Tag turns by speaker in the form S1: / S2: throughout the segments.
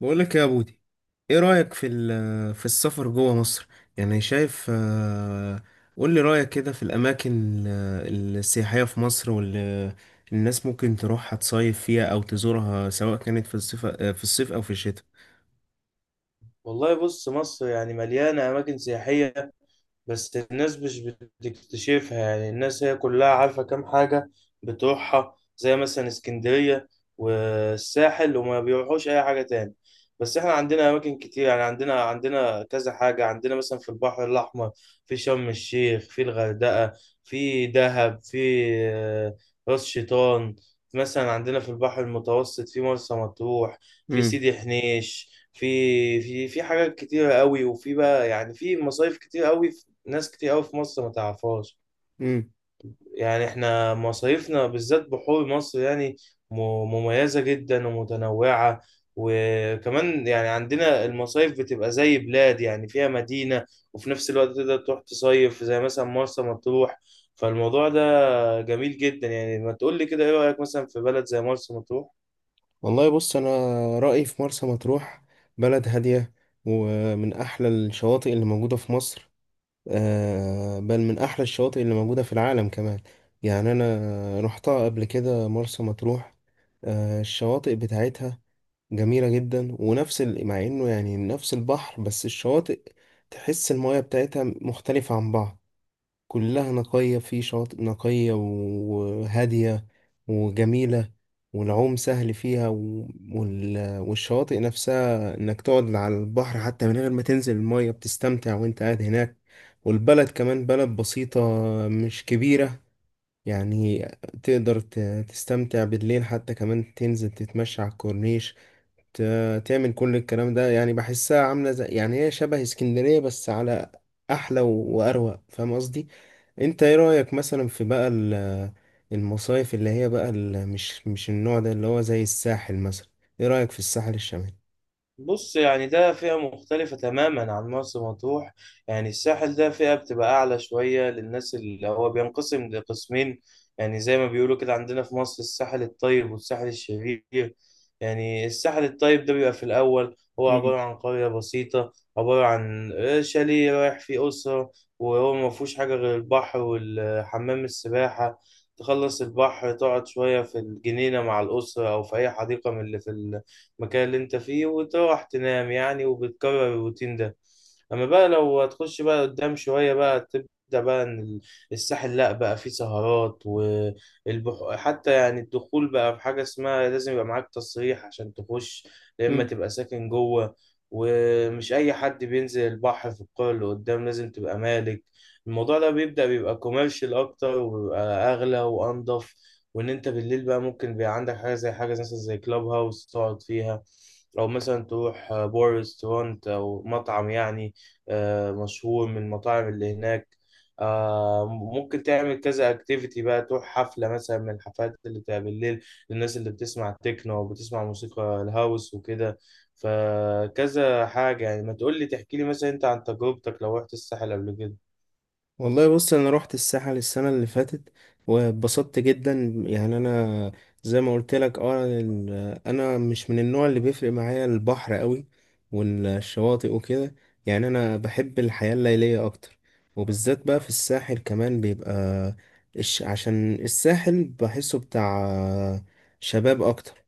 S1: بقول لك يا بودي، ايه رأيك في السفر جوه مصر؟ يعني شايف. قول لي رأيك كده في الاماكن السياحية في مصر، واللي الناس ممكن تروحها تصيف فيها او تزورها، سواء كانت في الصيف، في الصيف او في الشتاء.
S2: والله بص، مصر يعني مليانة أماكن سياحية، بس الناس مش بتكتشفها. يعني الناس هي كلها عارفة كام حاجة بتروحها زي مثلا اسكندرية والساحل، وما بيروحوش أي حاجة تاني. بس احنا عندنا أماكن كتير، يعني عندنا كذا حاجة. عندنا مثلا في البحر الأحمر، في شرم الشيخ، في الغردقة، في دهب، في آه، راس شيطان. مثلا عندنا في البحر المتوسط في مرسى مطروح، في
S1: امم
S2: سيدي حنيش، في في حاجات كتيرة قوي، وفي بقى يعني في مصايف كتير قوي، ناس كتير قوي في مصر ما تعرفهاش.
S1: امم
S2: يعني احنا مصايفنا بالذات بحور مصر يعني م- مميزة جدا ومتنوعة. وكمان يعني عندنا المصايف بتبقى زي بلاد، يعني فيها مدينة وفي نفس الوقت تقدر تروح تصيف، زي مثلا مرسى مطروح. فالموضوع ده جميل جدا. يعني ما تقول لي كده، ايه رأيك مثلا في بلد زي مرسى مطروح؟
S1: والله بص، انا رأيي في مرسى مطروح، بلد هادية ومن احلى الشواطئ اللي موجودة في مصر. بل من أحلى الشواطئ اللي موجودة في العالم كمان. يعني أنا رحتها قبل كده مرسى مطروح. الشواطئ بتاعتها جميلة جدا، ونفس مع إنه يعني نفس البحر بس الشواطئ، تحس المياه بتاعتها مختلفة عن بعض، كلها نقية، في شواطئ نقية وهادية وجميلة، والعوم سهل فيها، والشواطئ نفسها إنك تقعد على البحر، حتى من غير ما تنزل المية بتستمتع وإنت قاعد هناك. والبلد كمان بلد بسيطة، مش كبيرة. يعني تقدر تستمتع بالليل حتى، كمان تنزل تتمشى على الكورنيش، تعمل كل الكلام ده. يعني بحسها عاملة زي، يعني هي شبه اسكندرية بس على أحلى وأروق. فاهم قصدي؟ انت ايه رأيك مثلا في بقى المصايف اللي هي بقى مش النوع ده اللي هو زي الساحل مثلا؟ ايه رأيك في الساحل الشمالي؟
S2: بص، يعني ده فئة مختلفة تماما عن مرسى مطروح. يعني الساحل ده فئة بتبقى أعلى شوية للناس، اللي هو بينقسم لقسمين. يعني زي ما بيقولوا كده، عندنا في مصر الساحل الطيب والساحل الشرير. يعني الساحل الطيب ده بيبقى في الأول هو عبارة عن قرية بسيطة، عبارة عن شاليه رايح فيه أسرة، وهو ما فيهوش حاجة غير البحر والحمام السباحة. تخلص البحر، تقعد شوية في الجنينة مع الأسرة أو في أي حديقة من اللي في المكان اللي انت فيه، وتروح تنام يعني، وبتكرر الروتين ده. اما بقى لو هتخش بقى قدام شوية، بقى تبدأ بقى ان الساحل لا بقى فيه سهرات، والبحر حتى يعني الدخول بقى في حاجة اسمها لازم يبقى معاك تصريح عشان تخش، يا اما
S1: مم.
S2: تبقى ساكن جوه. ومش اي حد بينزل البحر في القرى اللي قدام، لازم تبقى مالك. الموضوع ده بيبدأ بيبقى كوميرشال اكتر، وبيبقى اغلى وانضف. وان انت بالليل بقى ممكن بيبقى عندك حاجه، زي حاجه مثلا زي كلاب هاوس تقعد فيها، او مثلا تروح بار ريستورانت او مطعم، يعني مشهور من المطاعم اللي هناك. ممكن تعمل كذا اكتيفيتي بقى، تروح حفله مثلا من الحفلات اللي بتبقى بالليل للناس اللي بتسمع تكنو او بتسمع موسيقى الهاوس وكده. فكذا حاجه، يعني ما تقول لي تحكي لي مثلا انت عن تجربتك لو رحت الساحل قبل كده.
S1: والله بص، انا رحت الساحل السنه اللي فاتت واتبسطت جدا. يعني انا زي ما قلت لك، اه، انا مش من النوع اللي بيفرق معايا البحر قوي والشواطئ وكده. يعني انا بحب الحياه الليليه اكتر، وبالذات بقى في الساحل كمان بيبقى، عشان الساحل بحسه بتاع شباب اكتر.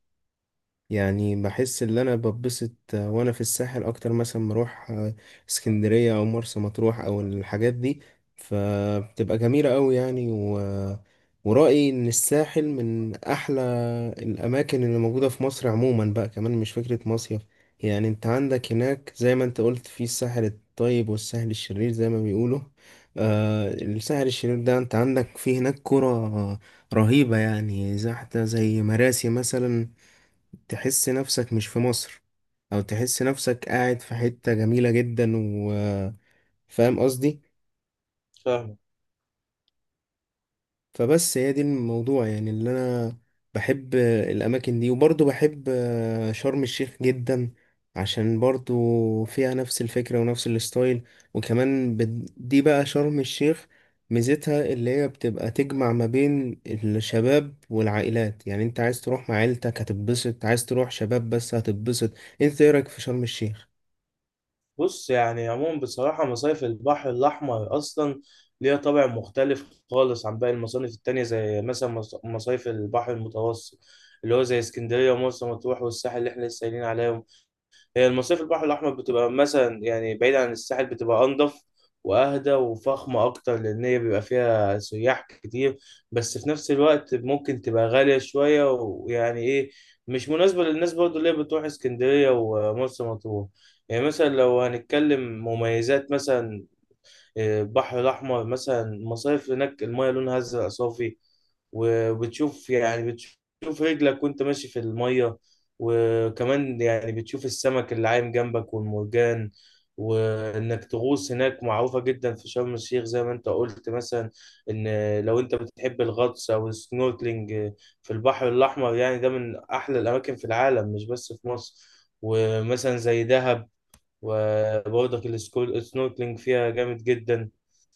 S1: يعني بحس ان انا ببسط، وانا في الساحل اكتر مثلا ما اروح اسكندرية او مرسى مطروح او الحاجات دي. فبتبقى جميلة قوي يعني ورأيي ان الساحل من احلى الاماكن اللي موجودة في مصر عموما، بقى كمان مش فكرة مصيف. يعني انت عندك هناك زي ما انت قلت في الساحل الطيب والساحل الشرير، زي ما بيقولوا. آه، الساحل الشرير ده انت عندك في هناك قرى رهيبة، يعني زي حتى زي مراسي مثلا، تحس نفسك مش في مصر، او تحس نفسك قاعد في حتة جميلة جدا. وفاهم قصدي.
S2: فاهم.
S1: فبس هي دي الموضوع، يعني اللي انا بحب الاماكن دي. وبرضه بحب شرم الشيخ جدا، عشان برضه فيها نفس الفكرة ونفس الستايل. وكمان دي بقى شرم الشيخ، ميزتها اللي هي بتبقى تجمع ما بين الشباب والعائلات. يعني انت عايز تروح مع عيلتك هتتبسط، عايز تروح شباب بس هتتبسط. انت ايه رأيك في شرم الشيخ؟
S2: بص، يعني عموما بصراحة مصايف البحر الأحمر أصلا ليها طابع مختلف خالص عن باقي المصايف التانية، زي مثلا مصايف البحر المتوسط اللي هو زي اسكندرية ومرسى مطروح والساحل اللي احنا لسه قايلين عليه. هي المصيف البحر الأحمر بتبقى مثلا يعني بعيد عن الساحل، بتبقى أنضف وأهدى وفخمة أكتر، لأن هي بيبقى فيها سياح كتير. بس في نفس الوقت ممكن تبقى غالية شوية، ويعني إيه، مش مناسبة للناس برضو اللي هي بتروح اسكندرية ومرسى مطروح. يعني مثلا لو هنتكلم مميزات، مثلا البحر الأحمر مثلا المصايف هناك المايه لونها أزرق صافي، وبتشوف يعني بتشوف رجلك وانت ماشي في المية. وكمان يعني بتشوف السمك اللي عايم جنبك والمرجان، وانك تغوص هناك معروفة جدا في شرم الشيخ، زي ما انت قلت مثلا. ان لو انت بتحب الغطس او السنوركلينج في البحر الاحمر، يعني ده من احلى الاماكن في العالم، مش بس في مصر. ومثلا زي دهب، وبرضك السنوركلينج فيها جامد جدا.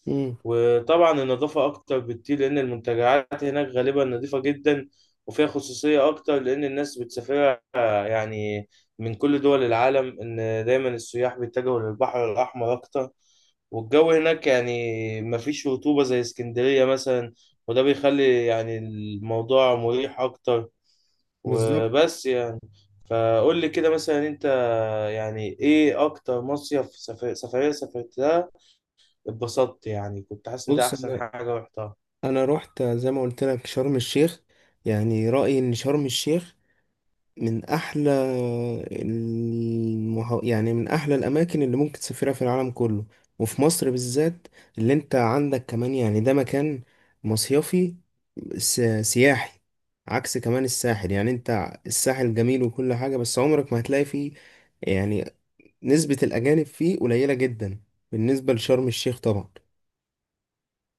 S1: امم
S2: وطبعا النظافة أكتر بكتير، لأن المنتجعات هناك غالبا نظيفة جدا، وفيها خصوصية أكتر لأن الناس بتسافرها يعني من كل دول العالم. إن دايما السياح بيتجهوا للبحر الأحمر أكتر. والجو هناك يعني مفيش رطوبة زي اسكندرية مثلا، وده بيخلي يعني الموضوع مريح أكتر.
S1: بالظبط.
S2: وبس يعني، فقول لي كده مثلا أنت، يعني إيه أكتر مصيف سفرية سافرتها، اتبسطت يعني كنت حاسس ان ده
S1: بص
S2: احسن
S1: انا،
S2: حاجه رحتها؟
S1: رحت زي ما قلت لك شرم الشيخ. يعني رأيي ان شرم الشيخ من احلى يعني من احلى الاماكن اللي ممكن تسافرها في العالم كله، وفي مصر بالذات. اللي انت عندك كمان يعني ده مكان مصيفي، سياحي. عكس كمان الساحل، يعني انت الساحل جميل وكل حاجة بس عمرك ما هتلاقي فيه يعني نسبة الأجانب فيه قليلة جدا، بالنسبة لشرم الشيخ طبعا،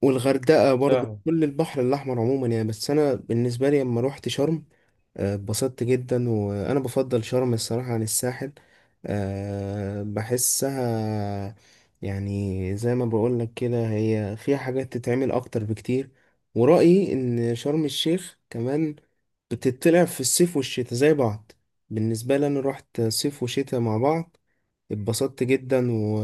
S1: والغردقة برضو،
S2: فاهم.
S1: كل البحر الأحمر عموما يعني. بس أنا بالنسبة لي لما روحت شرم، اتبسطت جدا. وأنا بفضل شرم الصراحة عن الساحل. بحسها، يعني زي ما بقولك كده، هي فيها حاجات تتعمل أكتر بكتير. ورأيي إن شرم الشيخ كمان بتطلع في الصيف والشتاء زي بعض. بالنسبة لي أنا روحت صيف وشتاء مع بعض، اتبسطت جدا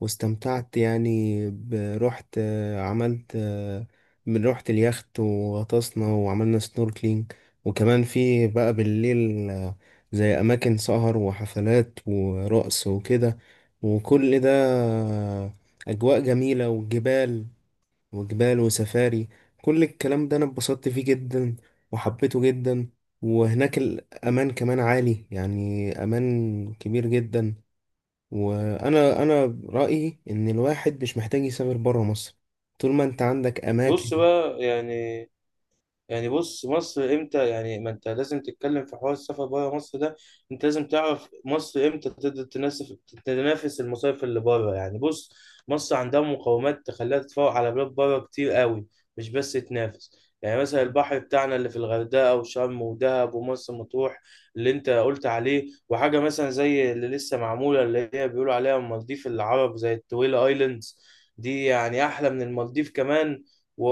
S1: واستمتعت يعني رحت، عملت، من رحت اليخت وغطسنا وعملنا سنوركلينج. وكمان في بقى بالليل، زي أماكن سهر وحفلات ورقص وكده، وكل ده، أجواء جميلة، وجبال، وسفاري. كل الكلام ده أنا اتبسطت فيه جدا وحبيته جدا. وهناك الأمان كمان عالي، يعني أمان كبير جدا. وانا رايي ان الواحد مش محتاج يسافر بره مصر طول ما انت عندك اماكن.
S2: بص بقى يعني، مصر امتى، يعني ما انت لازم تتكلم في حوار السفر بره مصر ده، انت لازم تعرف مصر امتى تقدر تنافس، تنافس المصايف اللي بره. يعني بص، مصر عندها مقومات تخليها تتفوق على بلاد بره كتير قوي، مش بس تنافس. يعني مثلا البحر بتاعنا اللي في الغردقه وشرم ودهب ومرسى مطروح اللي انت قلت عليه، وحاجه مثلا زي اللي لسه معموله اللي هي بيقولوا عليها المالديف العرب، زي التويلا ايلاندز. دي يعني احلى من المالديف كمان، وأ-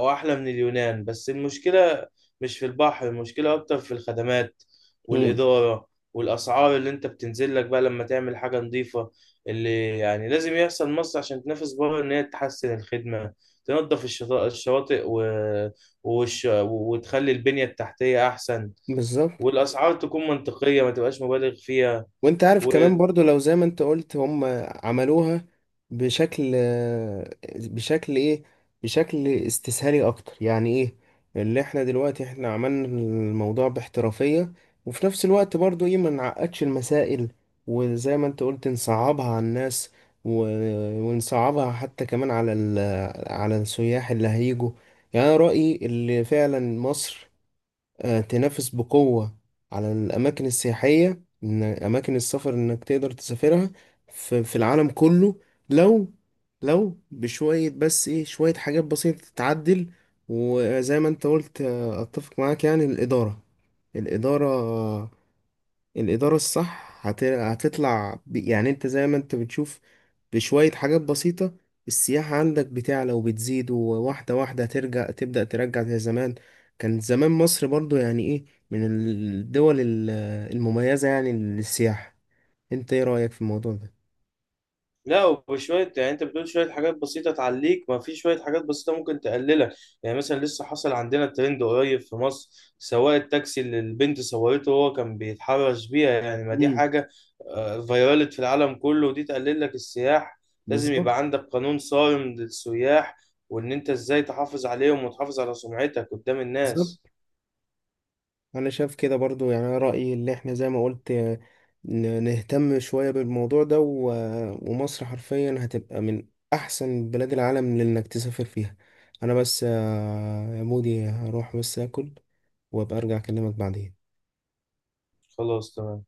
S2: وأحلى من اليونان. بس المشكلة مش في البحر، المشكلة أكتر في الخدمات
S1: مم.
S2: والإدارة والأسعار، اللي أنت بتنزل لك بقى لما تعمل حاجة نظيفة. اللي يعني لازم يحصل مصر عشان تنافس بره، إن هي تحسن الخدمة، تنظف الشواطئ وتخلي البنية التحتية أحسن،
S1: بالظبط.
S2: والأسعار تكون منطقية، ما تبقاش مبالغ فيها.
S1: وانت عارف كمان برضو، لو زي ما انت قلت هم عملوها بشكل، بشكل بشكل استسهالي اكتر، يعني ايه اللي احنا دلوقتي عملنا الموضوع باحترافية. وفي نفس الوقت برضو، ايه، ما نعقدش المسائل، وزي ما انت قلت نصعبها على الناس، و... ونصعبها حتى كمان على على السياح اللي هيجوا. يعني انا رأيي اللي فعلا مصر، تنافس بقوة على الأماكن السياحية، إن أماكن السفر إنك تقدر تسافرها في، في العالم كله، لو لو بشوية بس، إيه، شوية حاجات بسيطة تتعدل. وزي ما أنت قلت، أتفق معاك يعني، الإدارة، الإدارة آه، الإدارة الصح هتطلع يعني أنت زي ما أنت بتشوف، بشوية حاجات بسيطة، السياحة عندك بتعلى وبتزيد، وواحدة واحدة ترجع تبدأ ترجع زي زمان. كان زمان مصر برضو يعني ايه، من الدول المميزة يعني للسياحة. انت ايه رأيك في الموضوع ده؟
S2: لا، وشوية يعني انت بتقول شوية حاجات بسيطة تعليك، ما في شوية حاجات بسيطة ممكن تقللك. يعني مثلا لسه حصل عندنا ترند قريب في مصر، سواق التاكسي اللي البنت صورته وهو كان بيتحرش بيها. يعني ما دي
S1: مم.
S2: حاجة فيرالت في العالم كله، ودي تقلل لك السياح. لازم يبقى
S1: بالظبط
S2: عندك قانون صارم للسياح، وان انت ازاي تحافظ عليهم وتحافظ على سمعتك قدام
S1: بالظبط.
S2: الناس.
S1: انا شايف كده برضو، يعني أنا رأيي اللي احنا زي ما قلت، نهتم شوية بالموضوع ده، ومصر حرفيا هتبقى من احسن بلاد العالم لانك تسافر فيها. انا بس، يا مودي، هروح بس اكل وابقى ارجع اكلمك بعدين.
S2: خلاص، تمام.